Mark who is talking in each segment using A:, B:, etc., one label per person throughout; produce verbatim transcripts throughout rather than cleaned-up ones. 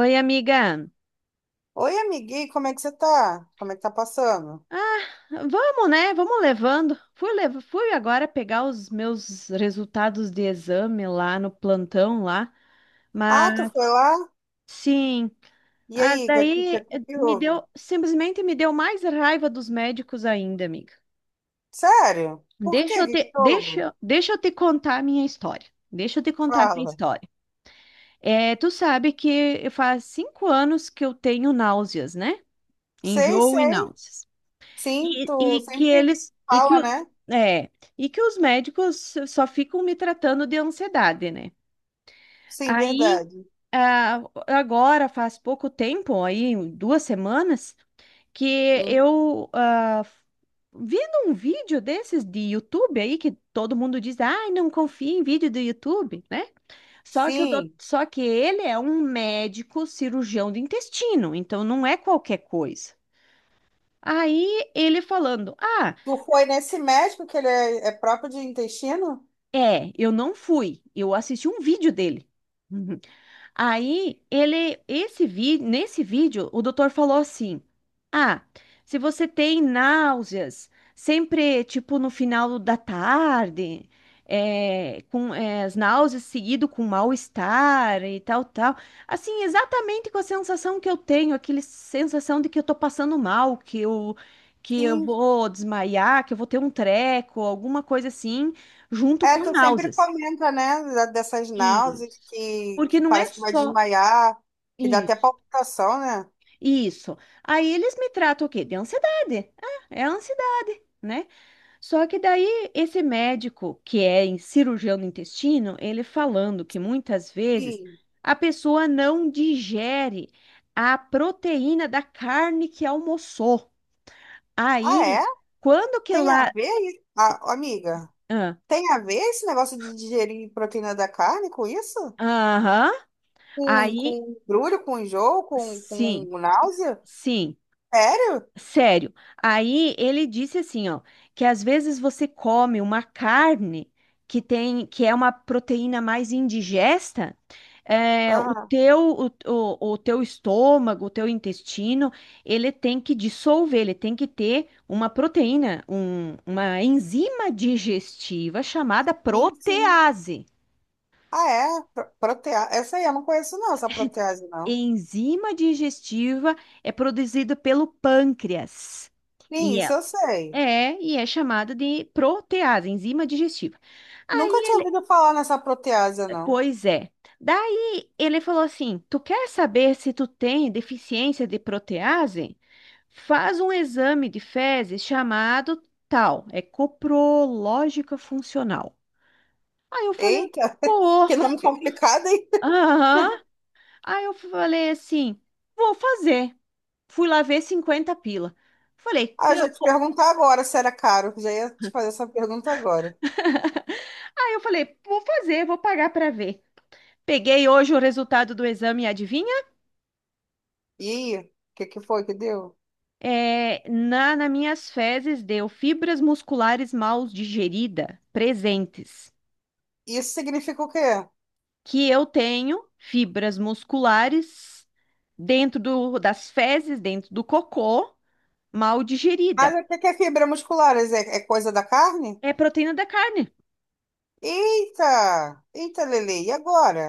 A: Oi, amiga.
B: Oi, amiguinho, como é que você tá? Como é que tá passando?
A: Ah, vamos, né? Vamos levando. Fui, lev- fui agora pegar os meus resultados de exame lá no plantão lá,
B: Ah, tu foi
A: mas
B: lá?
A: sim.
B: E
A: Ah,
B: aí, o que,
A: daí
B: que, que
A: eh,
B: que
A: me
B: houve?
A: deu, simplesmente me deu mais raiva dos médicos ainda, amiga.
B: Sério? Por quê?
A: Deixa
B: O
A: eu
B: que
A: te,
B: que houve?
A: deixa, deixa eu te contar a minha história. Deixa eu te contar a minha
B: Fala.
A: história. É, tu sabe que faz cinco anos que eu tenho náuseas, né?
B: Sei,
A: Enjoo e
B: sei.
A: náuseas.
B: Sim,
A: E,
B: tu
A: e que
B: sempre
A: eles e que,
B: fala,
A: o-
B: né?
A: é, e que os médicos só ficam me tratando de ansiedade, né?
B: Sim,
A: Aí
B: verdade.
A: ah, agora faz pouco tempo, aí duas semanas, que
B: Hum.
A: eu ah, vendo um vídeo desses de YouTube aí que todo mundo diz, ai, não confia em vídeo do YouTube, né? Só que o dout-
B: Sim.
A: só que ele é um médico cirurgião do intestino, então não é qualquer coisa. Aí ele falando, ah
B: Tu foi nesse médico que ele é, é próprio de intestino?
A: É, eu não fui, eu assisti um vídeo dele. Uhum. Aí ele, esse vi, nesse vídeo, o doutor falou assim: Ah, se você tem náuseas, sempre tipo no final da tarde, é, com é, as náuseas seguido com mal-estar e tal, tal. Assim, exatamente com a sensação que eu tenho, aquela sensação de que eu tô passando mal, que eu, que eu
B: Sim.
A: vou desmaiar, que eu vou ter um treco, alguma coisa assim junto
B: É,
A: com
B: tu sempre
A: náuseas.
B: comenta, né? da- Dessas náuseas
A: Isso.
B: que,
A: Porque
B: que
A: não é
B: parece que vai
A: só
B: desmaiar, que dá até
A: isso.
B: palpitação, né?
A: Isso. Aí eles me tratam o quê? De ansiedade. Ah, é ansiedade, né? Só que daí esse médico, que é em- cirurgião do intestino, ele falando que muitas vezes
B: Sim.
A: a pessoa não digere a proteína da carne que almoçou.
B: Ah,
A: Aí,
B: é?
A: quando que
B: Tem a
A: lá.
B: ver, i- a- amiga?
A: Ah.
B: Tem a ver esse negócio de digerir proteína da carne com isso?
A: Aham.
B: Com, com
A: Aí,
B: embrulho, com enjoo, com,
A: sim,
B: com náusea?
A: sim.
B: Sério?
A: Sério. Aí ele disse assim, ó, que às vezes você come uma carne que tem, que é uma proteína mais indigesta, é, o
B: Aham.
A: teu, o, o, o teu estômago, o teu intestino, ele tem que dissolver, ele tem que ter uma proteína, um- uma enzima digestiva chamada
B: Sim, sim.
A: protease.
B: Ah, é? Pro- Protea... Essa aí eu não conheço, não, essa protease, não.
A: Enzima digestiva é produzida pelo pâncreas.
B: Sim,
A: E
B: isso eu sei.
A: É, e é chamada de protease, enzima digestiva.
B: Nunca tinha
A: Aí,
B: ouvido falar nessa protease, não.
A: pois é. Daí ele falou assim: Tu quer saber se tu tem deficiência de protease? Faz um exame de fezes chamado tal, é coprológica funcional. Aí eu falei:
B: Eita,
A: Pô,
B: que nome complicado, hein?
A: aham. Aí eu falei assim: Vou fazer. Fui lá ver cinquenta pila. Falei,
B: Ah, eu
A: eu-
B: já te perguntar agora se era caro. Já ia te fazer essa pergunta agora.
A: Aí eu falei, vou fazer, vou pagar para ver. Peguei hoje o resultado do exame, adivinha?
B: E aí, o que que foi que deu?
A: É, na, nas minhas fezes deu fibras musculares mal digerida presentes,
B: Isso significa o quê?
A: que eu tenho fibras musculares dentro do- das fezes, dentro do cocô, mal
B: Mas
A: digerida.
B: o que que é fibra muscular? É, é coisa da carne?
A: É proteína da carne.
B: Eita! Eita, Lele, e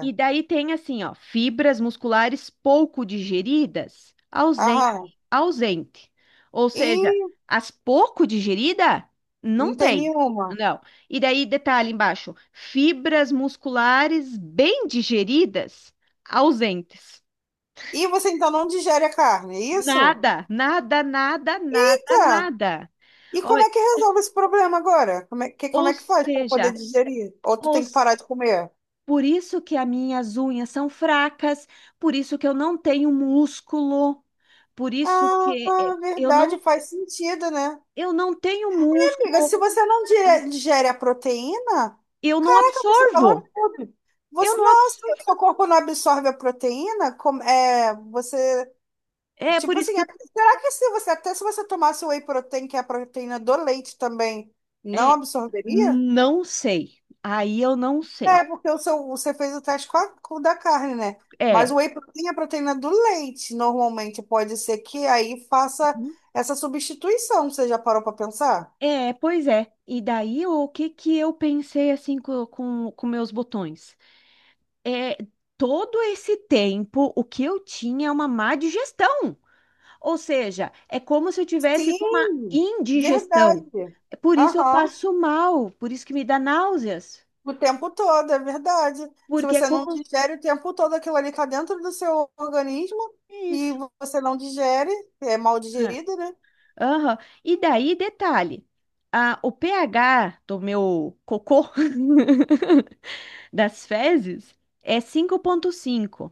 A: E daí tem assim, ó, fibras musculares pouco digeridas, ausente,
B: Aham.
A: ausente. Ou
B: E
A: seja, as pouco digerida não
B: não tem
A: tem.
B: nenhuma.
A: Não. E daí detalhe embaixo, fibras musculares bem digeridas, ausentes.
B: E você então não digere a carne, é isso?
A: Nada, nada, nada, nada,
B: Eita!
A: nada.
B: E
A: Ou,
B: como é que resolve esse problema agora? Como é que, como
A: ou
B: é que faz para poder
A: seja,
B: digerir? Ou tu
A: ou
B: tem que parar de comer?
A: Por isso que as minhas unhas são fracas, por isso que eu não tenho músculo, por isso
B: Ah,
A: que eh, eu não,
B: verdade, faz sentido, né?
A: eu não tenho
B: Amiga, se
A: músculo,
B: você não dire- digere a proteína,
A: eu não
B: caraca, você falou
A: absorvo,
B: tudo.
A: eu
B: Você,
A: não
B: não, se
A: absorvo.
B: o seu corpo não absorve a proteína, como, é, você,
A: É por
B: tipo
A: isso
B: assim,
A: que
B: é-
A: eu
B: será que se você, até se você tomasse whey protein, que é a proteína do leite também, não
A: é,
B: absorveria?
A: não sei. Aí eu não
B: É,
A: sei.
B: porque o seu, você fez o teste com, a, com o da carne, né? Mas
A: É.
B: o whey protein é a proteína do leite, normalmente. Pode ser que aí faça
A: Uhum.
B: essa substituição, você já parou para pensar?
A: É, pois é. E daí o que que eu pensei assim co- com, com meus botões? É, todo esse tempo o que eu tinha é uma má digestão. Ou seja, é como se eu tivesse com uma
B: Sim,
A: indigestão.
B: verdade.
A: É, por isso eu
B: Aham,
A: passo mal, por isso que me dá náuseas,
B: o tempo todo, é verdade. Se
A: porque é
B: você não
A: como
B: digere o tempo todo aquilo ali está dentro do seu organismo e
A: isso.
B: você não digere, é mal
A: É.
B: digerido, né?
A: Aham. E daí, detalhe, a, o pH do meu cocô, das fezes, é cinco vírgula cinco,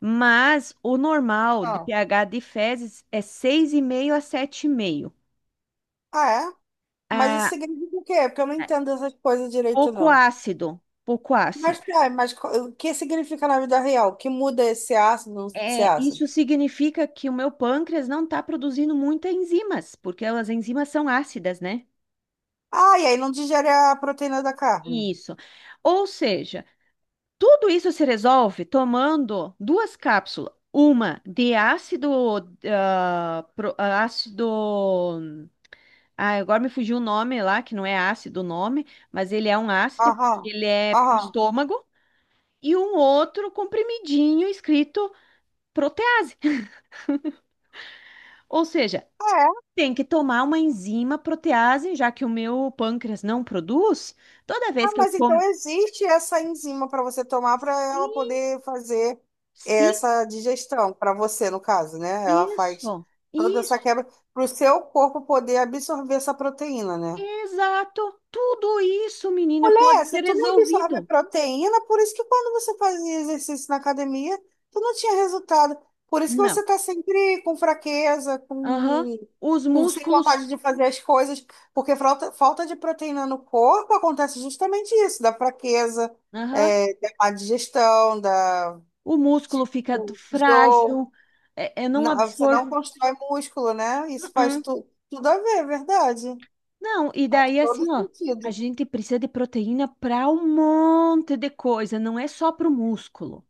A: mas o normal de
B: Ah,
A: pH de fezes é seis vírgula cinco a sete vírgula cinco.
B: ah, é? Mas isso
A: Ah,
B: significa o quê? É, porque eu não
A: é
B: entendo essas coisas direito,
A: pouco
B: não.
A: ácido, pouco
B: Mas,
A: ácido.
B: tá, mas co- o que significa na vida real? O que muda esse ácido, não esse
A: É,
B: ácido?
A: isso significa que o meu pâncreas não está produzindo muitas enzimas, porque as enzimas são ácidas, né?
B: Ah, e aí não digere a proteína da carne.
A: Isso. Ou seja, tudo isso se resolve tomando duas cápsulas, uma de ácido, ah, pro- ah, ácido, ah, agora me fugiu o nome lá, que não é ácido o nome, mas ele é um ácido,
B: Aham,
A: ele é pro
B: aham.
A: estômago, e um outro comprimidinho escrito protease. Ou seja,
B: É.
A: Tem que tomar uma enzima protease, já que o meu pâncreas não produz. Toda
B: Ah,
A: vez que eu
B: mas então
A: como.
B: existe essa enzima para você tomar para ela
A: Sim,
B: poder fazer
A: sim,
B: essa digestão, para você, no caso, né? Ela faz
A: isso,
B: toda essa
A: isso,
B: quebra para o seu corpo poder absorver essa proteína, né?
A: exato. Tudo isso, menina, pode
B: Mulher, se
A: ser
B: tu não absorve
A: resolvido.
B: proteína, por isso que quando você fazia exercício na academia, tu não tinha resultado. Por isso que
A: Não.
B: você tá sempre com fraqueza,
A: Aham.
B: com,
A: Os
B: com sem
A: músculos.
B: vontade de fazer as coisas, porque falta, falta de proteína no corpo acontece justamente isso, da fraqueza,
A: Aham.
B: é, da má digestão, da,
A: O músculo fica
B: tipo, enjoo.
A: frágil. É, eu não
B: Não, você não
A: absorvo.
B: constrói músculo, né? Isso faz
A: Uh-uh.
B: tu, tudo a ver, é verdade.
A: Não, e
B: Faz
A: daí
B: todo
A: assim, ó. A
B: sentido.
A: gente precisa de proteína para um monte de coisa, não é só para o músculo.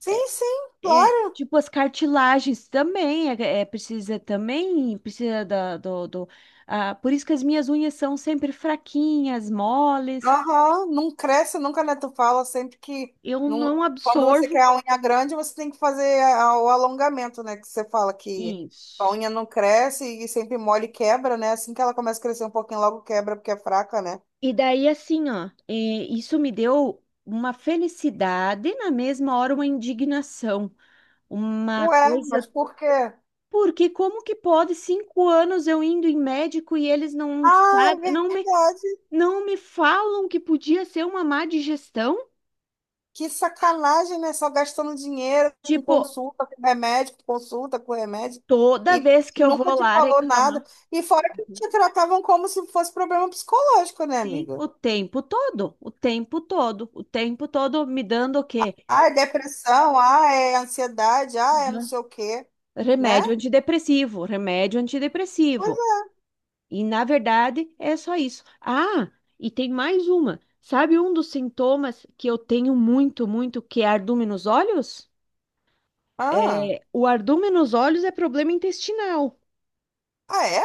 B: Sim, sim,
A: É,
B: claro.
A: tipo, as cartilagens também, é, é, precisa também, precisa da, do, do- ah, por isso que as minhas unhas são sempre fraquinhas, moles,
B: Aham, não cresce nunca, né? Tu fala sempre que
A: eu
B: não...
A: não
B: quando você quer
A: absorvo
B: a unha grande, você tem que fazer a- o alongamento, né? Que você fala que a
A: isso.
B: unha não cresce e sempre mole e quebra, né? Assim que ela começa a crescer um pouquinho, logo quebra porque é fraca, né?
A: E daí, assim, ó, é, isso me deu uma felicidade, e na mesma hora, uma indignação, uma
B: Ué,
A: coisa,
B: mas por quê?
A: porque como que pode cinco anos eu indo em médico e eles não
B: Ah, é
A: sabem, não me,
B: verdade.
A: não me falam que podia ser uma má digestão?
B: Que sacanagem, né? Só gastando dinheiro com
A: Tipo,
B: consulta, com remédio, com consulta, com remédio.
A: Toda
B: E
A: vez que eu
B: nunca
A: vou
B: te
A: lá
B: falou nada.
A: reclamar,
B: E fora que te tratavam como se fosse problema psicológico, né,
A: sim,
B: amiga?
A: o tempo todo, o tempo todo, o tempo todo me dando o quê?
B: Ah, é depressão, ah, é ansiedade, ah, é não
A: Aham.
B: sei o quê, né?
A: Remédio antidepressivo, remédio
B: Pois
A: antidepressivo.
B: é.
A: E na verdade é só isso. Ah, e tem mais uma. Sabe um dos sintomas que eu tenho muito, muito, que é ardume nos olhos?
B: Ah,
A: É, o ardume nos olhos é problema intestinal.
B: ah, é?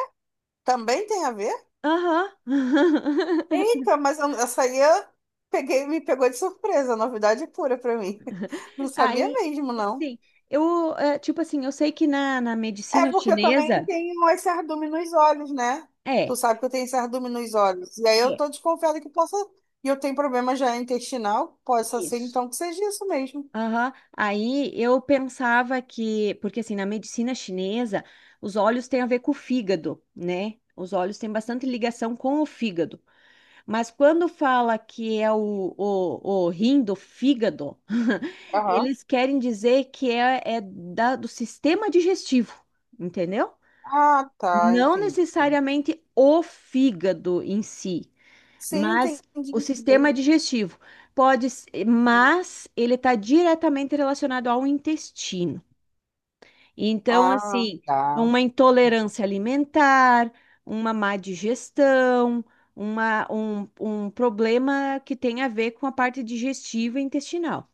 B: Também tem a ver?
A: Aham.
B: Eita, mas eu- essa aí eu peguei, me pegou de surpresa, novidade pura pra mim. Não sabia
A: Aí,
B: mesmo, não.
A: sim, eu, é, tipo assim, eu sei que na, na,
B: É
A: medicina
B: porque eu também
A: chinesa.
B: tenho esse cardume nos olhos, né?
A: É,
B: Tu sabe que eu tenho esse cardume nos olhos. E aí eu
A: é,
B: tô desconfiada que possa. E eu tenho problema já intestinal, possa ser
A: isso.
B: então que seja isso mesmo.
A: Aham. Aí eu pensava que, porque assim, na medicina chinesa, os olhos têm a ver com o fígado, né? Os olhos têm bastante ligação com o fígado. Mas quando fala que é o, o, o rim do fígado,
B: Aham.
A: eles querem dizer que é, é da- do sistema digestivo, entendeu?
B: Ah, tá,
A: Não
B: entendi.
A: necessariamente o fígado em si.
B: Sim,
A: Mas
B: entendi,
A: o sistema
B: entendi.
A: digestivo pode, s- mas ele está diretamente relacionado ao intestino. Então,
B: Ah,
A: assim,
B: tá.
A: uma intolerância alimentar, uma má digestão, uma, um, um problema que tem a ver com a parte digestiva e intestinal.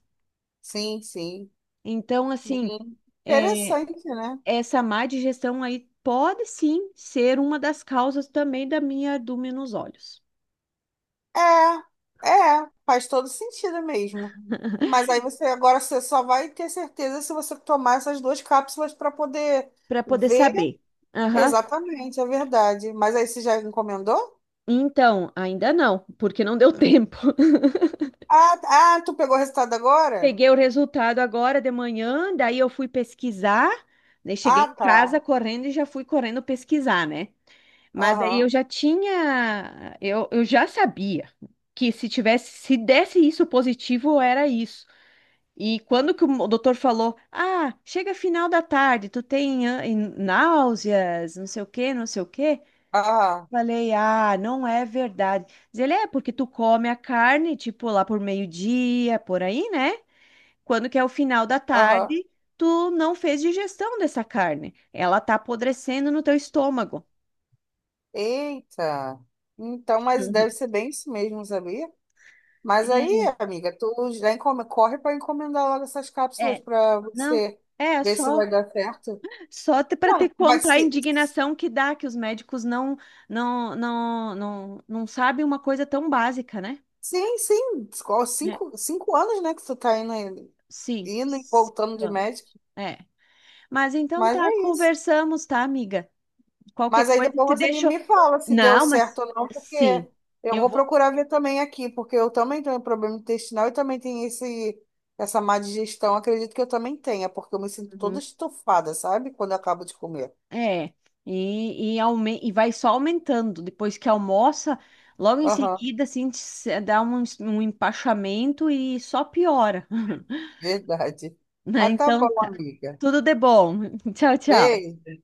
B: Sim, sim.
A: Então, assim,
B: Sim.
A: é,
B: Interessante, né?
A: essa má digestão aí pode sim ser uma das causas também da minha ardúmina nos olhos,
B: É, é, faz todo sentido mesmo. Mas aí você agora você só vai ter certeza se você tomar essas duas cápsulas para poder
A: para poder
B: ver
A: saber. Aham.
B: exatamente, é verdade. Mas aí você já encomendou?
A: Então, ainda não, porque não deu tempo.
B: Ah, ah, tu pegou o resultado agora?
A: Peguei o resultado agora de manhã, daí eu fui pesquisar, né? Cheguei
B: Ah,
A: em
B: tá.
A: casa correndo e já fui correndo pesquisar, né? Mas aí eu
B: Aham,
A: já tinha, eu, eu já sabia que se tivesse, se desse isso positivo, era isso. E quando que o doutor falou, ah, chega final da tarde, tu tem ah, náuseas, não sei o quê, não sei o quê.
B: aham,
A: Falei, ah, não é verdade. Diz ele, é porque tu come a carne, tipo, lá por meio-dia, por aí, né? Quando que é o final da
B: aham.
A: tarde, tu não fez digestão dessa carne. Ela tá apodrecendo no teu estômago.
B: Eita. Então, mas deve ser bem isso mesmo, sabia? Mas aí, amiga, tu já encom... corre para encomendar logo essas
A: É,
B: cápsulas
A: é,
B: para
A: não,
B: você
A: é
B: ver se
A: só,
B: vai dar certo.
A: só para te
B: Não, vai
A: contar a
B: ser.
A: indignação que dá, que os médicos não, não, não, não, não sabem uma coisa tão básica, né?
B: Sim, sim. Qual-
A: É.
B: Cinco, cinco anos, né, que tu tá indo,
A: Sim,
B: indo e
A: sim,
B: voltando de médico.
A: é. Mas então
B: Mas
A: tá,
B: é isso.
A: conversamos, tá, amiga? Qualquer
B: Mas aí
A: coisa que te
B: depois você me,
A: deixa.
B: me fala se deu
A: Não, mas
B: certo ou não, porque
A: sim,
B: eu
A: eu
B: vou
A: vou.
B: procurar ver também aqui, porque eu também tenho problema intestinal e também tenho esse, essa má digestão. Acredito que eu também tenha, porque eu me sinto toda
A: Uhum.
B: estufada, sabe? Quando eu acabo de comer.
A: É, e, e, aume- e vai só aumentando. Depois que almoça, logo em
B: Aham.
A: seguida, assim, te se- dá um, es- um empachamento e só piora.
B: Verdade.
A: Né?
B: Ah, tá
A: Então,
B: bom,
A: tá.
B: amiga.
A: Tudo de bom. Tchau, tchau.
B: Beijo.